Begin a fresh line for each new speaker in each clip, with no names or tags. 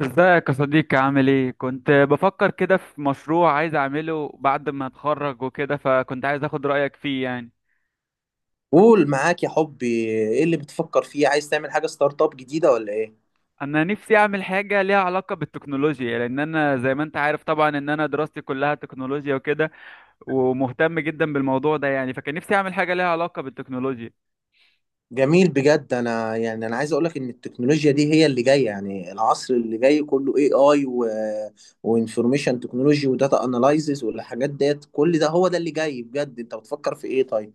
ازيك يا صديقي؟ عامل ايه؟ كنت بفكر كده في مشروع عايز اعمله بعد ما اتخرج وكده، فكنت عايز اخد رأيك فيه يعني.
قول معاك يا حبي. ايه اللي بتفكر فيه؟ عايز تعمل حاجة ستارت اب جديدة ولا ايه؟
انا نفسي اعمل حاجة ليها علاقة بالتكنولوجيا، لان انا زي ما انت عارف طبعا ان انا دراستي كلها تكنولوجيا وكده، ومهتم جدا بالموضوع ده يعني. فكان نفسي اعمل حاجة ليها علاقة بالتكنولوجيا.
جميل بجد. انا يعني عايز اقولك ان التكنولوجيا دي هي اللي جاية. يعني العصر اللي جاي كله اي و وانفورميشن تكنولوجي وداتا اناليزز والحاجات ديت، كل ده هو ده اللي جاي بجد. انت بتفكر في ايه طيب؟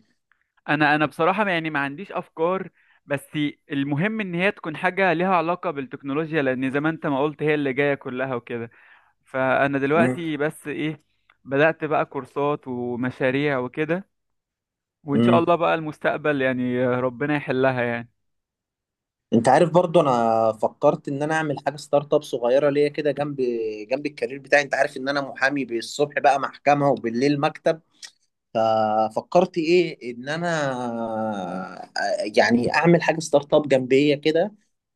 انا بصراحة يعني ما عنديش افكار، بس المهم ان هي تكون حاجة ليها علاقة بالتكنولوجيا، لان زي ما انت ما قلت هي اللي جاية كلها وكده. فانا
مم.
دلوقتي بس ايه، بدأت بقى كورسات ومشاريع وكده، وان شاء
مم.
الله بقى المستقبل يعني ربنا يحلها يعني.
انت عارف برضو، انا فكرت ان انا اعمل حاجة ستارت اب صغيرة ليا كده جنب الكارير بتاعي. انت عارف ان انا محامي، بالصبح بقى محكمة وبالليل مكتب. ففكرت ايه، ان انا يعني اعمل حاجه ستارت اب جنبيه كده.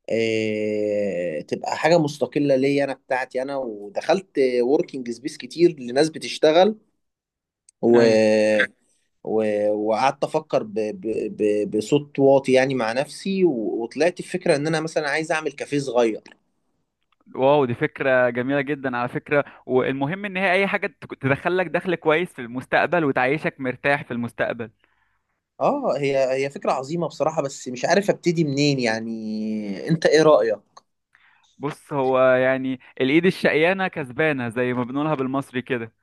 إيه، تبقى حاجه مستقله ليا، انا بتاعتي انا. ودخلت وركينج سبيس كتير لناس بتشتغل
ايوه.
و... و... وقعدت افكر بصوت واطي يعني مع نفسي وطلعت الفكره ان انا مثلا عايز اعمل كافيه صغير.
واو، دي فكرة جميلة جدا على فكرة، والمهم ان هي اي حاجة تدخلك دخل كويس في المستقبل وتعيشك مرتاح في المستقبل.
اه، هي فكره عظيمه بصراحه، بس مش عارف ابتدي منين، يعني انت ايه رايك؟
بص، هو يعني الايد الشقيانة كسبانة زي ما بنقولها بالمصري كده.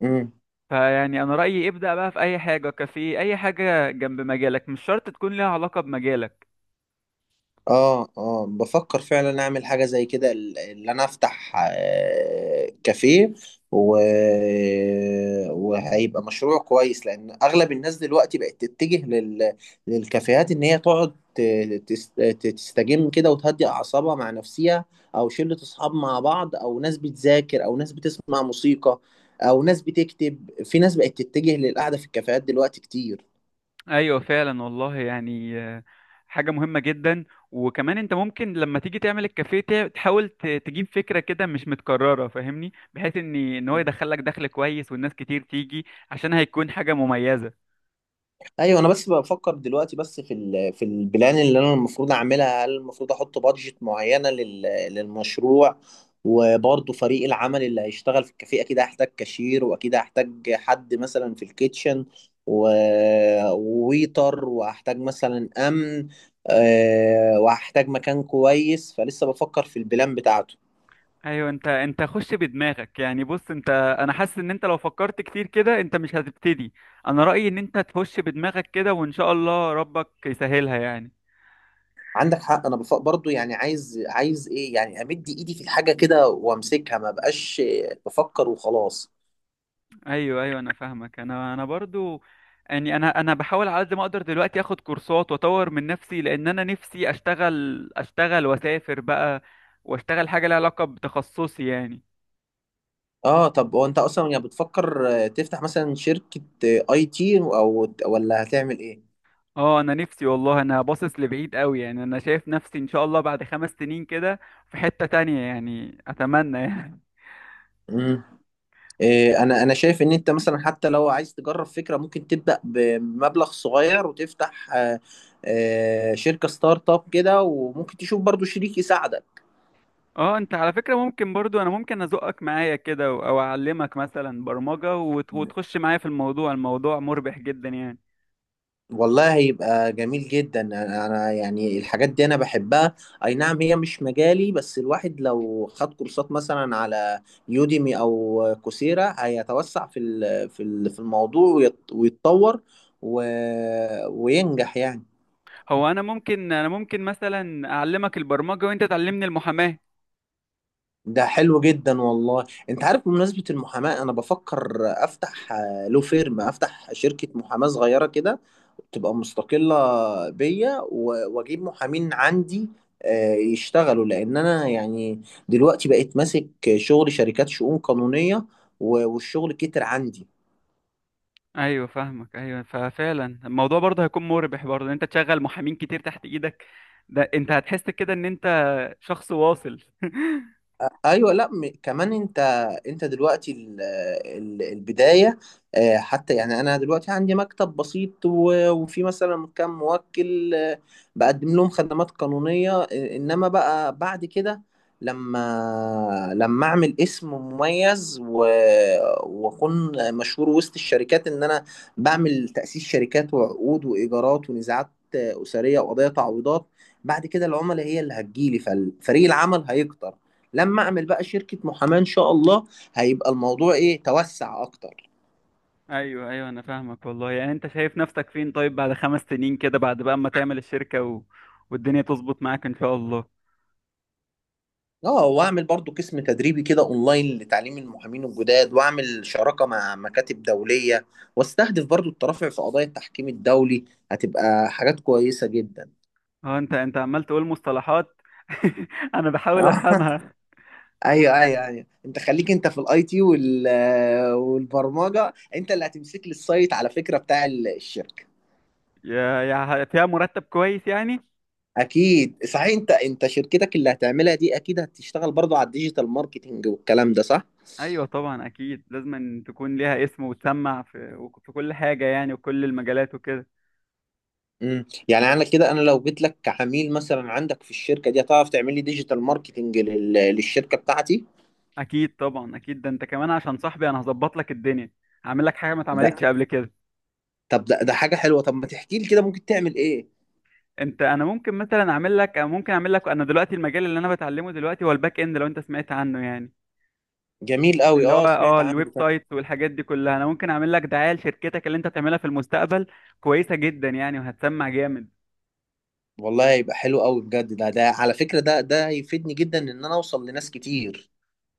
مم.
فيعني انا رأيي ابدأ بقى في اي حاجة، كافيه، اي حاجة جنب مجالك، مش شرط تكون ليها علاقة بمجالك.
اه اه، بفكر فعلا اعمل حاجة زي كده، اللي انا افتح كافيه و... وهيبقى مشروع كويس، لان اغلب الناس دلوقتي بقت تتجه للكافيهات، ان هي تقعد تستجم كده وتهدي اعصابها مع نفسها، او شلة اصحاب مع بعض، او ناس بتذاكر، او ناس بتسمع موسيقى، او ناس بتكتب. في ناس بقت تتجه للقعدة في الكافيهات دلوقتي كتير.
ايوه فعلا والله يعني، حاجه مهمه جدا. وكمان انت ممكن لما تيجي تعمل الكافيه تحاول تجيب فكره كده مش متكرره فاهمني، بحيث ان هو يدخلك دخل كويس والناس كتير تيجي، عشان هيكون حاجه مميزه.
ايوه، انا بس بفكر دلوقتي، بس في في البلان اللي انا المفروض اعملها. هل المفروض احط بادجت معينه للمشروع؟ وبرضه فريق العمل اللي هيشتغل في الكافيه، اكيد هحتاج كاشير، واكيد هحتاج حد مثلا في الكيتشن و... وويتر، وهحتاج مثلا امن، وهحتاج مكان كويس. فلسه بفكر في البلان بتاعته.
ايوه، انت خش بدماغك يعني. بص انت، انا حاسس ان انت لو فكرت كتير كده انت مش هتبتدي. انا رايي ان انت تخش بدماغك كده وان شاء الله ربك يسهلها يعني.
عندك حق. انا برضه يعني، عايز ايه يعني، امد ايدي في الحاجه كده وامسكها، ما بقاش بفكر وخلاص.
ايوه، ايوه، انا فاهمك، انا برضو يعني. انا بحاول على قد ما اقدر دلوقتي اخد كورسات واطور من نفسي، لان انا نفسي اشتغل، اشتغل واسافر بقى واشتغل حاجه لها علاقه بتخصصي يعني.
اه، طب وانت اصلا يعني، بتفكر تفتح مثلا شركة اي تي او، ولا هتعمل ايه؟
اه، انا نفسي والله، انا باصص لبعيد قوي يعني، انا شايف نفسي ان شاء الله بعد 5 سنين كده في حته تانية يعني، اتمنى يعني.
امم. إيه، انا انا شايف ان انت مثلا حتى لو عايز تجرب فكرة، ممكن تبدأ بمبلغ صغير وتفتح شركة ستارت اب كده، وممكن تشوف برضو شريك يساعدك.
اه، انت على فكره ممكن برضو انا ممكن ازقك معايا كده او اعلمك مثلا برمجه وتخش معايا في الموضوع. الموضوع مربح جدا يعني.
والله هيبقى جميل جدا. انا يعني الحاجات دي انا بحبها. اي نعم هي مش مجالي، بس الواحد لو خد كورسات مثلا على يوديمي او كوسيرا، هيتوسع في في الموضوع ويتطور و... وينجح يعني.
هو انا ممكن مثلا اعلمك البرمجه وانت تعلمني المحاماه.
ده حلو جدا والله. انت عارف بمناسبة المحاماة، انا بفكر افتح لو فيرم، افتح شركة محاماة صغيرة كده تبقى مستقلة بيا، واجيب محامين عندي يشتغلوا. لان انا يعني دلوقتي بقيت ماسك شغل شركات، شؤون قانونية، والشغل كتر عندي.
ايوه فاهمك، ايوه، ففعلا الموضوع برضه هيكون مربح برضه، ان انت تشغل محامين كتير تحت ايدك. ده انت هتحس كده ان انت شخص واصل.
ايوه. لا كمان انت دلوقتي البدايه. حتى يعني انا دلوقتي عندي مكتب بسيط، وفي مثلا كام موكل بقدم لهم خدمات قانونيه انما بقى بعد كده، لما اعمل اسم مميز واكون مشهور وسط الشركات، ان انا بعمل تاسيس شركات وعقود وايجارات ونزاعات اسريه وقضايا تعويضات، بعد كده العملاء هي اللي هتجيلي. ففريق العمل هيكتر. لما اعمل بقى شركه محاماه ان شاء الله، هيبقى الموضوع ايه، توسع اكتر.
ايوه، ايوه، انا فاهمك والله يعني. انت شايف نفسك فين طيب بعد 5 سنين كده، بعد بقى اما تعمل الشركه، والدنيا تظبط معاك ان شاء الله.
اه، واعمل برضو قسم تدريبي كده اونلاين لتعليم المحامين الجداد، واعمل شراكه مع مكاتب دوليه، واستهدف برضو الترافع في قضايا التحكيم الدولي. هتبقى حاجات كويسه جدا.
اه، انت عمال تقول مصطلحات. انا بحاول
آه.
افهمها.
ايوه ايوه ايوه، انت خليك انت في الاي تي وال والبرمجه. انت اللي هتمسك لي السايت على فكره بتاع الشركه.
يا يا فيها مرتب كويس يعني.
اكيد. صحيح، انت شركتك اللي هتعملها دي اكيد هتشتغل برضو على الديجيتال ماركتينج والكلام ده، صح؟
ايوه طبعا، اكيد لازم أن تكون ليها اسم وتسمع في كل حاجه يعني، وكل المجالات وكده.
امم، يعني انا كده انا لو جيت لك كعميل مثلا عندك في الشركه دي، هتعرف تعمل لي ديجيتال ماركتينج للشركه بتاعتي؟
اكيد طبعا، اكيد، ده انت كمان عشان صاحبي انا هظبط لك الدنيا. هعمل لك حاجه ما اتعملتش
ده،
قبل كده.
طب ده حاجه حلوه، طب ما تحكي لي كده ممكن تعمل ايه؟
انا ممكن مثلا اعمل لك، انا دلوقتي المجال اللي انا بتعلمه دلوقتي هو الباك اند، لو انت سمعت عنه يعني.
جميل قوي،
اللي هو
اه سمعت
الويب
عنه فعلاً.
سايت والحاجات دي كلها، انا ممكن اعمل لك دعايه لشركتك اللي انت تعملها في المستقبل، كويسه جدا يعني، وهتسمع جامد.
والله يبقى حلو قوي بجد. ده على فكره، ده هيفيدني جدا، ان انا اوصل لناس كتير.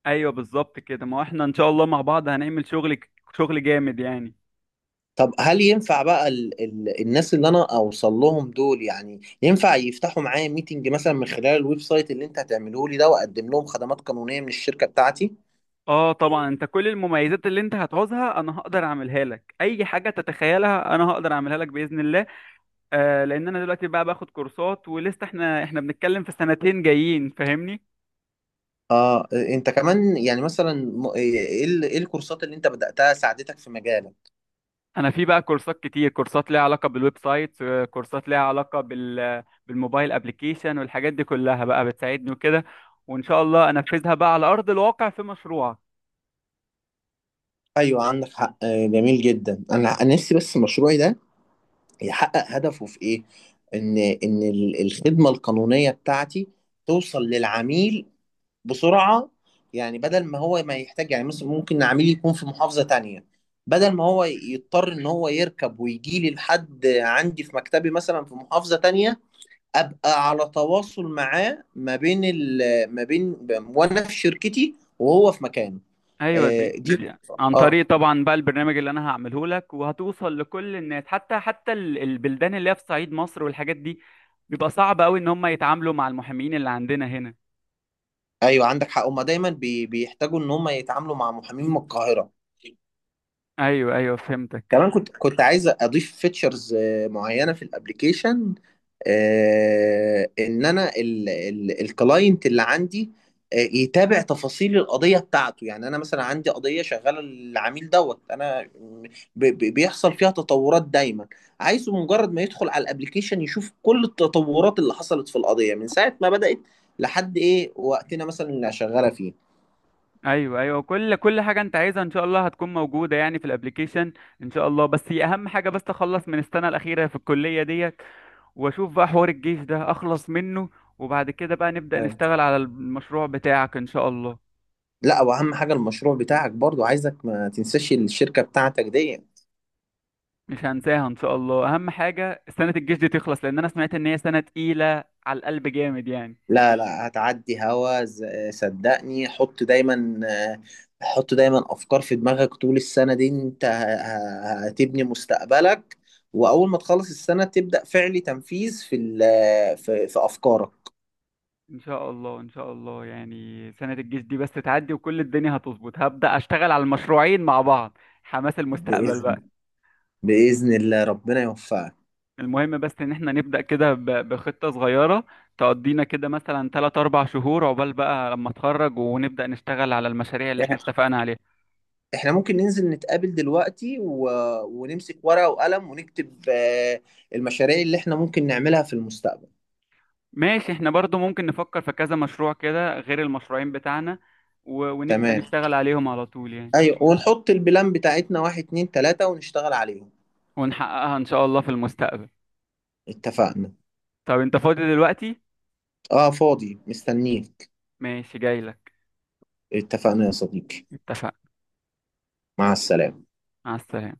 ايوه بالظبط كده، ما هو احنا ان شاء الله مع بعض هنعمل شغل، شغل جامد يعني.
طب هل ينفع بقى ال ال الناس اللي انا اوصل لهم دول، يعني ينفع يفتحوا معايا ميتنج مثلا من خلال الويب سايت اللي انت هتعمله لي ده، واقدم لهم خدمات قانونية من الشركة بتاعتي؟
اه طبعا، انت كل المميزات اللي انت هتعوزها انا هقدر اعملها لك، اي حاجه تتخيلها انا هقدر اعملها لك باذن الله. آه، لان انا دلوقتي بقى باخد كورسات ولسه، احنا بنتكلم في سنتين جايين فاهمني.
اه، انت كمان يعني مثلا ايه، إيه إيه الكورسات اللي انت بدأتها ساعدتك في مجالك؟
انا في بقى كورسات كتير، كورسات ليها علاقه بالويب سايت، كورسات ليها علاقه بالموبايل ابلكيشن والحاجات دي كلها بقى بتساعدني وكده، وان شاء الله انفذها بقى على ارض الواقع في مشروعك.
ايوه، عندك حق. جميل جدا. انا نفسي بس مشروعي ده يحقق هدفه في ايه، ان الخدمة القانونية بتاعتي توصل للعميل بسرعه. يعني بدل ما هو ما يحتاج، يعني مثلا ممكن عميل يكون في محافظه تانية، بدل ما هو يضطر ان هو يركب ويجي لي لحد عندي في مكتبي، مثلا في محافظه تانية، ابقى على تواصل معاه ما بين، وانا في شركتي وهو في مكانه.
ايوه، دي,
دي.
دي عن
اه.
طريق طبعا بقى البرنامج اللي انا هعمله لك، وهتوصل لكل الناس، حتى البلدان اللي هي في صعيد مصر والحاجات دي، بيبقى صعب قوي ان هم يتعاملوا مع المحامين اللي عندنا هنا.
ايوه عندك حق، هما دايما بيحتاجوا ان هما يتعاملوا مع محامين من القاهره.
ايوه، ايوه، فهمتك.
كمان كنت عايز اضيف فيتشرز معينه في الابليكيشن، ان انا الكلاينت اللي عندي يتابع تفاصيل القضيه بتاعته. يعني انا مثلا عندي قضيه شغاله للعميل دوت انا، بيحصل فيها تطورات دايما، عايزه مجرد ما يدخل على الابليكيشن يشوف كل التطورات اللي حصلت في القضيه من ساعه ما بدات لحد ايه وقتنا مثلا اللي شغاله فيه.
ايوه، ايوه، كل حاجه انت عايزها ان شاء الله هتكون موجوده يعني في الابليكيشن. ان شاء الله، بس هي اهم حاجه بس اخلص من السنه الاخيره في الكليه ديت، واشوف بقى حوار الجيش ده اخلص منه، وبعد كده بقى نبدا
أيوة.
نشتغل على المشروع بتاعك ان شاء الله.
لا، واهم حاجه المشروع بتاعك برضو، عايزك ما تنساش الشركه بتاعتك دي.
مش هنساها ان شاء الله. اهم حاجه سنه الجيش دي تخلص، لان انا سمعت ان هي سنه تقيله على القلب جامد يعني.
لا لا، هتعدي هوا صدقني، حط دايما، حط دايما افكار في دماغك طول السنه دي. انت هتبني مستقبلك، واول ما تخلص السنه تبدا فعلي تنفيذ في في افكارك.
ان شاء الله، ان شاء الله يعني، سنه الجيش دي بس تعدي وكل الدنيا هتظبط، هبدا اشتغل على المشروعين مع بعض، حماس المستقبل
باذن
بقى.
باذن الله ربنا يوفقك.
المهم بس ان احنا نبدا كده بخطه صغيره، تقضينا كده مثلا 3 4 شهور عقبال بقى لما اتخرج ونبدا نشتغل على المشاريع اللي احنا
إح-
اتفقنا عليها.
احنا ممكن ننزل نتقابل دلوقتي ونمسك ورقه وقلم، ونكتب المشاريع اللي احنا ممكن نعملها في المستقبل.
ماشي، احنا برضو ممكن نفكر في كذا مشروع كده غير المشروعين بتاعنا، ونبدا
تمام.
نشتغل عليهم على طول يعني،
ايوه، ونحط البلان بتاعتنا واحد اتنين تلاته، ونشتغل عليهم.
ونحققها إن شاء الله في المستقبل.
اتفقنا.
طب أنت فاضي دلوقتي؟
اه، فاضي مستنيك.
ماشي جايلك.
اتفقنا يا صديقي.
اتفقنا.
مع السلامة.
مع السلامة.